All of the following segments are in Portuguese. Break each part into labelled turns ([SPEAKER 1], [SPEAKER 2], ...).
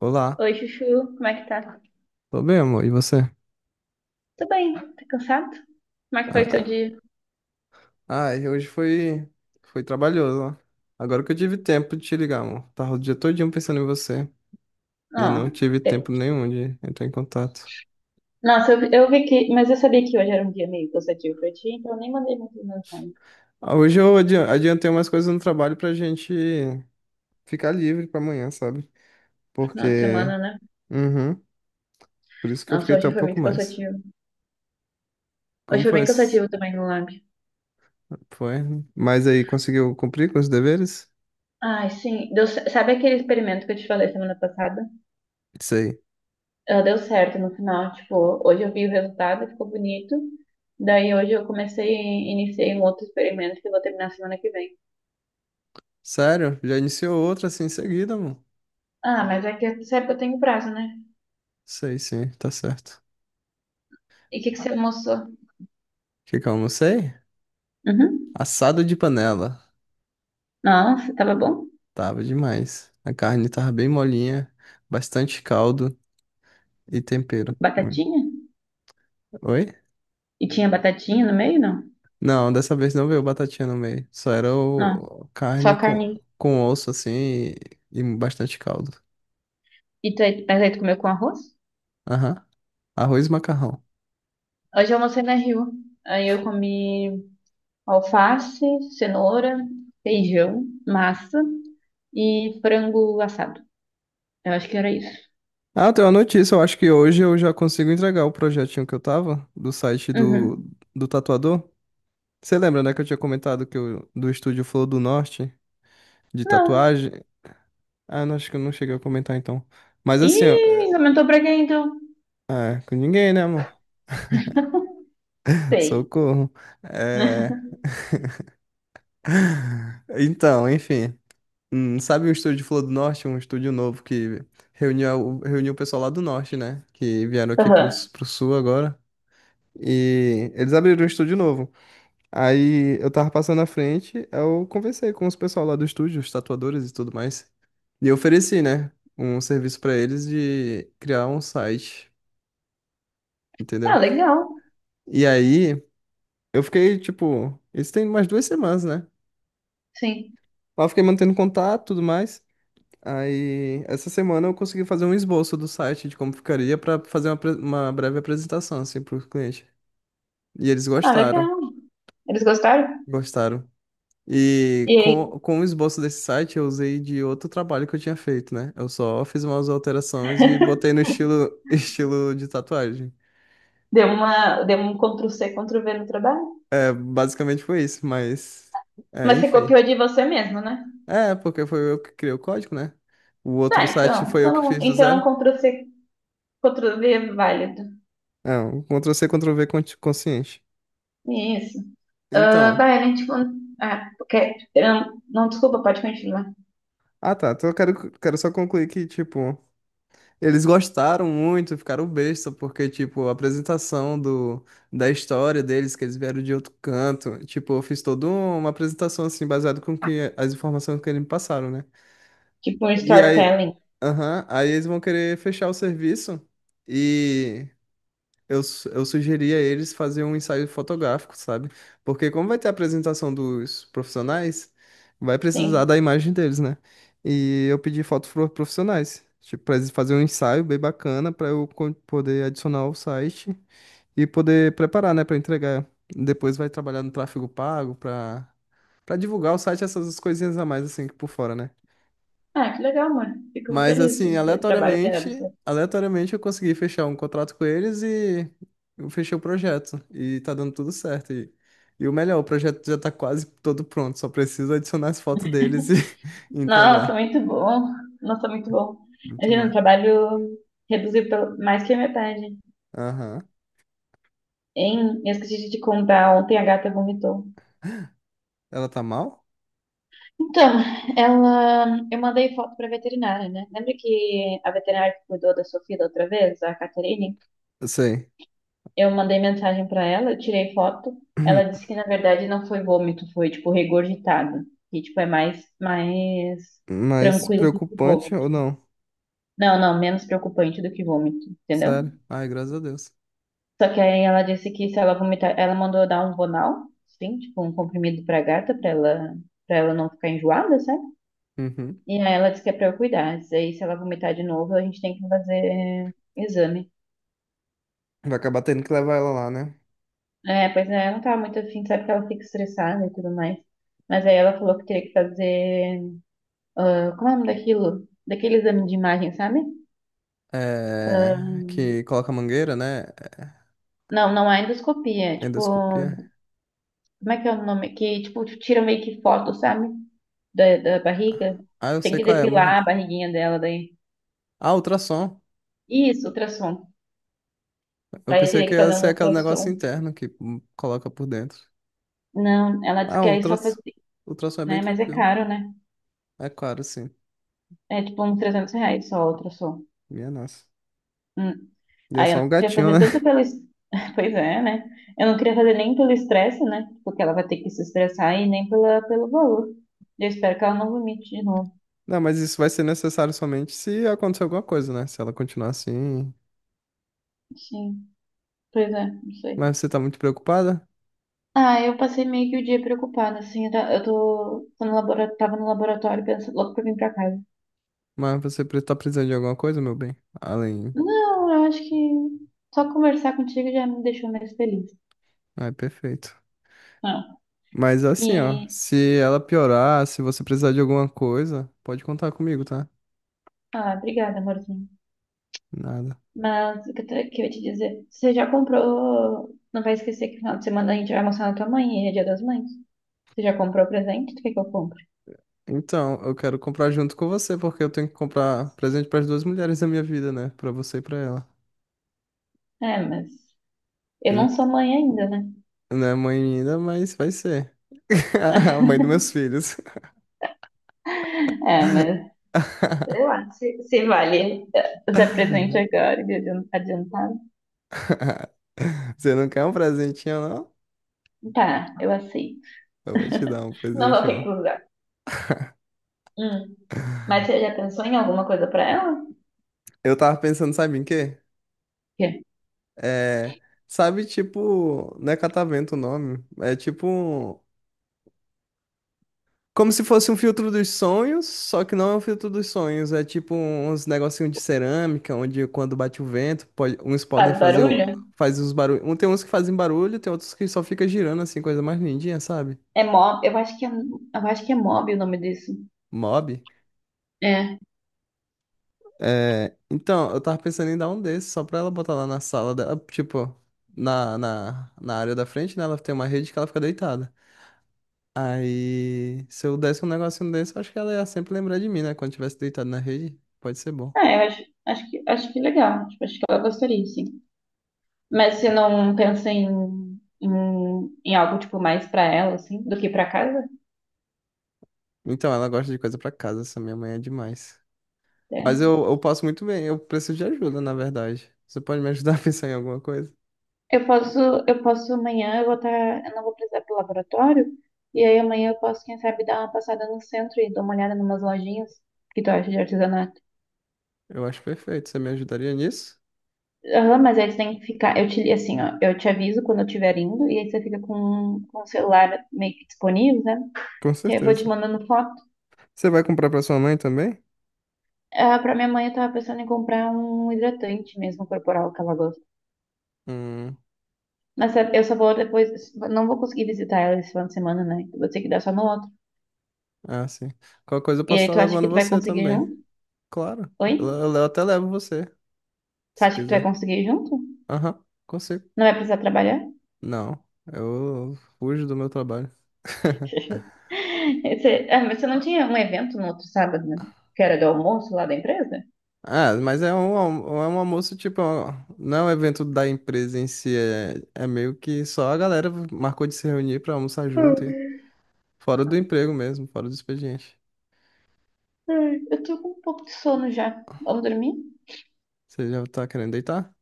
[SPEAKER 1] Olá,
[SPEAKER 2] Oi, Chuchu, como é que tá?
[SPEAKER 1] tô bem, amor. E você?
[SPEAKER 2] Tudo bem, tá cansado? Como é que foi o seu
[SPEAKER 1] Ah,
[SPEAKER 2] dia?
[SPEAKER 1] hoje foi trabalhoso, ó. Agora que eu tive tempo de te ligar, amor. Tava o dia todinho pensando em você e
[SPEAKER 2] Ah,
[SPEAKER 1] não tive
[SPEAKER 2] pe-
[SPEAKER 1] tempo nenhum de entrar em contato.
[SPEAKER 2] nossa, eu vi mas eu sabia que hoje era um dia meio cansativo pra ti, então eu nem mandei muita mensagem.
[SPEAKER 1] Ah, hoje eu adiantei umas coisas no trabalho pra gente ficar livre pra amanhã, sabe?
[SPEAKER 2] Final de
[SPEAKER 1] Porque,
[SPEAKER 2] semana, né?
[SPEAKER 1] uhum, por isso que eu fiquei
[SPEAKER 2] Nossa,
[SPEAKER 1] até
[SPEAKER 2] hoje
[SPEAKER 1] um
[SPEAKER 2] foi
[SPEAKER 1] pouco
[SPEAKER 2] muito
[SPEAKER 1] mais.
[SPEAKER 2] cansativo. Hoje
[SPEAKER 1] Como
[SPEAKER 2] foi
[SPEAKER 1] foi?
[SPEAKER 2] bem cansativo também no lab.
[SPEAKER 1] Foi, né? Mas aí conseguiu cumprir com os deveres?
[SPEAKER 2] Ai, sim, deu, sabe aquele experimento que eu te falei semana passada?
[SPEAKER 1] Isso aí.
[SPEAKER 2] Ah, deu certo no final, tipo, hoje eu vi o resultado, ficou bonito. Daí hoje eu iniciei um outro experimento que eu vou terminar semana que vem.
[SPEAKER 1] Sério? Já iniciou outra assim em seguida, amor?
[SPEAKER 2] Ah, mas é que sabe que eu tenho prazo, né?
[SPEAKER 1] Sei, sim, tá certo.
[SPEAKER 2] E o que que você almoçou?
[SPEAKER 1] Que eu almocei?
[SPEAKER 2] Uhum.
[SPEAKER 1] Assado de panela.
[SPEAKER 2] Nossa, tava bom.
[SPEAKER 1] Tava demais. A carne tava bem molinha, bastante caldo e
[SPEAKER 2] E
[SPEAKER 1] tempero. Hum.
[SPEAKER 2] batatinha?
[SPEAKER 1] Oi?
[SPEAKER 2] E tinha batatinha no meio, não?
[SPEAKER 1] Não, dessa vez não veio batatinha no meio. Só era
[SPEAKER 2] Não,
[SPEAKER 1] o carne
[SPEAKER 2] só carninha.
[SPEAKER 1] com osso assim e bastante caldo.
[SPEAKER 2] Mas aí tu comeu com arroz?
[SPEAKER 1] Aham. Arroz e macarrão.
[SPEAKER 2] Hoje eu almocei na Rio. Aí eu comi alface, cenoura, feijão, massa e frango assado. Eu acho que era isso.
[SPEAKER 1] Ah, eu tenho uma notícia. Eu acho que hoje eu já consigo entregar o projetinho que eu tava do site do,
[SPEAKER 2] Uhum.
[SPEAKER 1] do tatuador. Você lembra, né, que eu tinha comentado que eu, do estúdio Flor do Norte de
[SPEAKER 2] Não.
[SPEAKER 1] tatuagem? Ah, não, acho que eu não cheguei a comentar então. Mas assim, ó,
[SPEAKER 2] Ih, comentou pra quem então?
[SPEAKER 1] com ninguém, né, amor?
[SPEAKER 2] Sei.
[SPEAKER 1] Socorro. É... Então, enfim. Sabe o estúdio de Flor do Norte? Um estúdio novo que reuniu o pessoal lá do Norte, né? Que vieram aqui pro,
[SPEAKER 2] Aham.
[SPEAKER 1] pro Sul agora. E eles abriram um estúdio novo. Aí eu tava passando à frente, eu conversei com os pessoal lá do estúdio, os tatuadores e tudo mais. E eu ofereci, né? Um serviço pra eles de criar um site,
[SPEAKER 2] Ah,
[SPEAKER 1] entendeu?
[SPEAKER 2] legal.
[SPEAKER 1] E aí. Eu fiquei, tipo, isso tem umas duas semanas, né?
[SPEAKER 2] Sim.
[SPEAKER 1] Lá eu fiquei mantendo contato e tudo mais. Aí, essa semana eu consegui fazer um esboço do site de como ficaria pra fazer uma, uma breve apresentação, assim, pro cliente. E eles
[SPEAKER 2] Ah,
[SPEAKER 1] gostaram,
[SPEAKER 2] legal. Eles gostaram?
[SPEAKER 1] gostaram. E
[SPEAKER 2] E aí,
[SPEAKER 1] com o esboço desse site eu usei de outro trabalho que eu tinha feito, né? Eu só fiz umas alterações e botei no estilo, estilo de tatuagem.
[SPEAKER 2] deu um Ctrl-C, Ctrl-V no trabalho?
[SPEAKER 1] É, basicamente foi isso, mas... É,
[SPEAKER 2] Mas você
[SPEAKER 1] enfim.
[SPEAKER 2] copiou de você mesmo, né?
[SPEAKER 1] É, porque foi eu que criei o código, né? O
[SPEAKER 2] Tá,
[SPEAKER 1] outro site
[SPEAKER 2] então.
[SPEAKER 1] foi eu que
[SPEAKER 2] Então,
[SPEAKER 1] fiz do
[SPEAKER 2] então é
[SPEAKER 1] zero.
[SPEAKER 2] um Ctrl C, Ctrl V válido.
[SPEAKER 1] É, um Ctrl-C, Ctrl-V consciente.
[SPEAKER 2] Isso. Ah,
[SPEAKER 1] Então,
[SPEAKER 2] vai, a gente. Ah, porque. Não, não, desculpa, pode continuar.
[SPEAKER 1] ah tá, então eu quero só concluir que, tipo, eles gostaram muito, ficaram besta, porque, tipo, a apresentação do, da história deles, que eles vieram de outro canto, tipo, eu fiz toda uma apresentação, assim, baseada com que, as informações que eles me passaram, né?
[SPEAKER 2] Tipo um
[SPEAKER 1] E aí,
[SPEAKER 2] storytelling.
[SPEAKER 1] aham, aí eles vão querer fechar o serviço e... eu sugeri a eles fazer um ensaio fotográfico, sabe? Porque como vai ter a apresentação dos profissionais, vai precisar
[SPEAKER 2] Sim.
[SPEAKER 1] da imagem deles, né? E eu pedi fotos profissionais, tipo, pra eles fazerem um ensaio bem bacana pra eu poder adicionar ao site e poder preparar, né, pra entregar. Depois vai trabalhar no tráfego pago pra para divulgar o site, essas coisinhas a mais assim por fora, né?
[SPEAKER 2] Ah, que legal, amor. Fico
[SPEAKER 1] Mas
[SPEAKER 2] feliz do
[SPEAKER 1] assim,
[SPEAKER 2] seu trabalho que era
[SPEAKER 1] aleatoriamente,
[SPEAKER 2] você.
[SPEAKER 1] aleatoriamente eu consegui fechar um contrato com eles e eu fechei o projeto. E tá dando tudo certo. E o melhor, o projeto já tá quase todo pronto, só preciso adicionar as fotos deles e, e
[SPEAKER 2] Nossa,
[SPEAKER 1] entregar.
[SPEAKER 2] muito bom. Nossa, muito bom.
[SPEAKER 1] Muito
[SPEAKER 2] Imagina, um
[SPEAKER 1] bom.
[SPEAKER 2] trabalho reduzido pelo mais que a metade.
[SPEAKER 1] Aham.
[SPEAKER 2] Hein? Eu esqueci de te contar, ontem a gata vomitou.
[SPEAKER 1] Ela tá mal?
[SPEAKER 2] Então, ela, eu mandei foto para veterinária, né? Lembra que a veterinária que cuidou da Sofia da outra vez, a Caterine?
[SPEAKER 1] Eu sei.
[SPEAKER 2] Eu mandei mensagem para ela, eu tirei foto. Ela disse que na verdade não foi vômito, foi tipo regurgitado, que tipo é mais
[SPEAKER 1] Mas
[SPEAKER 2] tranquilo do que
[SPEAKER 1] preocupante ou
[SPEAKER 2] vômito.
[SPEAKER 1] não?
[SPEAKER 2] Não, não, menos preocupante do que vômito, entendeu?
[SPEAKER 1] Sério? Ai, graças a Deus.
[SPEAKER 2] Só que aí ela disse que se ela vomitar, ela mandou dar um Vonal, sim, tipo um comprimido pra gata, para ela não ficar enjoada, sabe?
[SPEAKER 1] Uhum.
[SPEAKER 2] E aí ela disse que é pra eu cuidar. Disse aí, se ela vomitar de novo, a gente tem que fazer exame.
[SPEAKER 1] Vai acabar tendo que levar ela lá, né?
[SPEAKER 2] É, pois é, ela não tava muito afim, sabe que ela fica estressada e tudo mais. Mas aí ela falou que teria que fazer. Como é o nome daquilo? Daquele exame de imagem, sabe?
[SPEAKER 1] É, que coloca mangueira, né?
[SPEAKER 2] Não, não é endoscopia. É tipo,
[SPEAKER 1] Endoscopia.
[SPEAKER 2] como é que é o nome? Que, tipo, tira meio que foto, sabe? Da barriga.
[SPEAKER 1] Ah, eu
[SPEAKER 2] Tem
[SPEAKER 1] sei
[SPEAKER 2] que
[SPEAKER 1] qual é.
[SPEAKER 2] depilar a barriguinha dela daí.
[SPEAKER 1] Ah, ultrassom.
[SPEAKER 2] Isso, ultrassom.
[SPEAKER 1] Eu
[SPEAKER 2] Aí eu
[SPEAKER 1] pensei
[SPEAKER 2] teria
[SPEAKER 1] que
[SPEAKER 2] que
[SPEAKER 1] ia
[SPEAKER 2] fazer
[SPEAKER 1] ser
[SPEAKER 2] um
[SPEAKER 1] aquele negócio
[SPEAKER 2] ultrassom.
[SPEAKER 1] interno que coloca por dentro.
[SPEAKER 2] Não, ela disse
[SPEAKER 1] Ah,
[SPEAKER 2] que
[SPEAKER 1] o
[SPEAKER 2] aí só fazer,
[SPEAKER 1] ultrassom. O ultrassom é bem
[SPEAKER 2] né? Mas é
[SPEAKER 1] tranquilo.
[SPEAKER 2] caro, né?
[SPEAKER 1] É claro, sim.
[SPEAKER 2] É tipo uns R$ 300 só, a ultrassom.
[SPEAKER 1] Minha nossa.
[SPEAKER 2] Hum.
[SPEAKER 1] E é
[SPEAKER 2] Aí eu
[SPEAKER 1] só
[SPEAKER 2] não
[SPEAKER 1] um
[SPEAKER 2] queria
[SPEAKER 1] gatinho, né?
[SPEAKER 2] fazer tanto pelo Pois é, né? Eu não queria fazer nem pelo estresse, né? Porque ela vai ter que se estressar e nem pelo valor. Eu espero que ela não vomite de novo.
[SPEAKER 1] Não, mas isso vai ser necessário somente se acontecer alguma coisa, né? Se ela continuar assim.
[SPEAKER 2] Sim, pois é, não sei.
[SPEAKER 1] Mas você tá muito preocupada?
[SPEAKER 2] Ah, eu passei meio que o dia preocupada, assim. Eu tá- eu tô, tô no labora- Tava no laboratório pensando logo pra vir pra casa.
[SPEAKER 1] Mas você tá precisando de alguma coisa, meu bem? Além.
[SPEAKER 2] Não, eu acho que só conversar contigo já me deixou mais feliz.
[SPEAKER 1] Ah, é perfeito.
[SPEAKER 2] Não.
[SPEAKER 1] Mas assim, ó.
[SPEAKER 2] E.
[SPEAKER 1] Se ela piorar, se você precisar de alguma coisa, pode contar comigo, tá?
[SPEAKER 2] Ah, obrigada, amorzinho.
[SPEAKER 1] Nada.
[SPEAKER 2] Mas o que que eu ia te dizer? Você já comprou? Não vai esquecer que no final de semana a gente vai mostrar na tua mãe e é dia das mães. Você já comprou o presente? Tu quer que eu compre?
[SPEAKER 1] Então, eu quero comprar junto com você, porque eu tenho que comprar presente para as duas mulheres da minha vida, né? Para você e para ela.
[SPEAKER 2] É, mas eu
[SPEAKER 1] E
[SPEAKER 2] não sou mãe ainda, né?
[SPEAKER 1] não é mãe ainda, mas vai ser. A mãe dos meus filhos.
[SPEAKER 2] É, mas sei lá, se vale dar presente agora, de adiantado.
[SPEAKER 1] Você não quer um presentinho, não?
[SPEAKER 2] Tá, eu aceito.
[SPEAKER 1] Eu vou te dar um
[SPEAKER 2] Não vou
[SPEAKER 1] presentinho.
[SPEAKER 2] recusar. Hum. Mas você já pensou em alguma coisa pra ela?
[SPEAKER 1] Eu tava pensando, sabe em quê?
[SPEAKER 2] Que
[SPEAKER 1] É, sabe, tipo, não é catavento o nome. É tipo um como se fosse um filtro dos sonhos, só que não é um filtro dos sonhos. É tipo uns negocinhos de cerâmica, onde quando bate o vento, uns podem
[SPEAKER 2] faz
[SPEAKER 1] fazer
[SPEAKER 2] barulho?
[SPEAKER 1] faz uns barulhos. Um, tem uns que fazem barulho, tem outros que só fica girando assim, coisa mais lindinha, sabe?
[SPEAKER 2] É mob, eu acho que é mob o nome disso.
[SPEAKER 1] Mob.
[SPEAKER 2] É.
[SPEAKER 1] É, então, eu tava pensando em dar um desses, só pra ela botar lá na sala dela, tipo, na área da frente, né? Ela tem uma rede que ela fica deitada. Aí, se eu desse um negocinho desse, eu acho que ela ia sempre lembrar de mim, né? Quando tivesse deitado na rede, pode ser bom.
[SPEAKER 2] É, eu acho, acho que legal. Tipo, acho que ela gostaria, sim. Mas você não pensa em, em, algo, tipo, mais pra ela, assim, do que pra casa?
[SPEAKER 1] Então, ela gosta de coisa pra casa, essa minha mãe é demais.
[SPEAKER 2] É.
[SPEAKER 1] Mas eu passo muito bem, eu preciso de ajuda, na verdade. Você pode me ajudar a pensar em alguma coisa?
[SPEAKER 2] Eu posso, eu posso amanhã, eu não vou precisar ir pro laboratório, e aí amanhã eu posso, quem sabe, dar uma passada no centro e dar uma olhada em umas lojinhas que tu acha de artesanato.
[SPEAKER 1] Eu acho perfeito, você me ajudaria nisso?
[SPEAKER 2] Aham, mas aí tu tem que ficar, assim, ó, eu te aviso quando eu estiver indo, e aí você fica com o celular meio que disponível, né?
[SPEAKER 1] Com
[SPEAKER 2] Que aí eu vou te
[SPEAKER 1] certeza.
[SPEAKER 2] mandando foto.
[SPEAKER 1] Você vai comprar pra sua mãe também?
[SPEAKER 2] Ah, pra minha mãe, eu tava pensando em comprar um hidratante mesmo corporal que ela gosta.
[SPEAKER 1] Hum,
[SPEAKER 2] Mas sabe, eu só vou depois. Não vou conseguir visitar ela esse final de semana, né? Vou ter que dar só no outro.
[SPEAKER 1] ah, sim. Qualquer coisa eu
[SPEAKER 2] E
[SPEAKER 1] posso
[SPEAKER 2] aí,
[SPEAKER 1] estar
[SPEAKER 2] tu acha
[SPEAKER 1] levando
[SPEAKER 2] que tu vai
[SPEAKER 1] você
[SPEAKER 2] conseguir
[SPEAKER 1] também.
[SPEAKER 2] junto?
[SPEAKER 1] Claro,
[SPEAKER 2] Oi?
[SPEAKER 1] eu, eu até levo você,
[SPEAKER 2] Tu
[SPEAKER 1] se
[SPEAKER 2] acha que tu vai
[SPEAKER 1] quiser.
[SPEAKER 2] conseguir junto?
[SPEAKER 1] Aham, consigo.
[SPEAKER 2] Não vai precisar trabalhar?
[SPEAKER 1] Não, eu fujo do meu trabalho.
[SPEAKER 2] Mas você não tinha um evento no outro sábado, né? Que era do almoço lá da empresa?
[SPEAKER 1] Ah, mas é um, é um almoço, tipo, é um, não é um evento da empresa em si, é meio que só a galera marcou de se reunir pra almoçar junto, e
[SPEAKER 2] Hum.
[SPEAKER 1] fora do emprego mesmo, fora do expediente.
[SPEAKER 2] Ai, eu tô com um pouco de sono já. Vamos dormir?
[SPEAKER 1] Você já tá querendo deitar?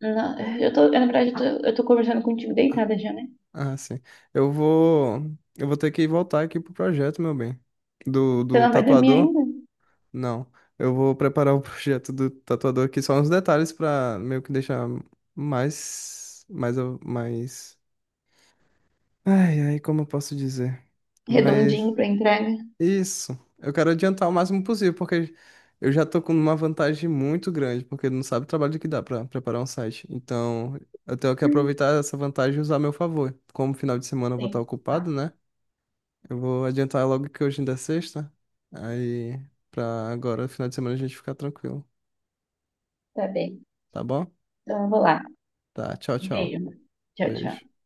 [SPEAKER 2] Não,
[SPEAKER 1] É.
[SPEAKER 2] eu tô, na verdade, eu tô conversando contigo deitada já, né?
[SPEAKER 1] Ah, sim. Eu vou, eu vou ter que voltar aqui pro projeto, meu bem.
[SPEAKER 2] Você
[SPEAKER 1] Do
[SPEAKER 2] não vai dormir
[SPEAKER 1] tatuador?
[SPEAKER 2] ainda?
[SPEAKER 1] Não. Eu vou preparar o projeto do tatuador aqui, só uns detalhes pra meio que deixar mais, mais, mais... Ai, ai, como eu posso dizer? Mas...
[SPEAKER 2] Redondinho pra entrega.
[SPEAKER 1] Isso. Eu quero adiantar o máximo possível, porque eu já tô com uma vantagem muito grande, porque não sabe o trabalho que dá pra preparar um site. Então, eu tenho que aproveitar essa vantagem e usar a meu favor. Como final de semana eu vou estar
[SPEAKER 2] Sim.
[SPEAKER 1] ocupado, né? Eu vou adiantar logo que hoje ainda é sexta. Aí, pra agora, final de semana a gente ficar tranquilo.
[SPEAKER 2] Tá bem.
[SPEAKER 1] Tá bom?
[SPEAKER 2] Então eu vou lá.
[SPEAKER 1] Tá. Tchau, tchau.
[SPEAKER 2] Beijo. Tchau, tchau.
[SPEAKER 1] Beijo.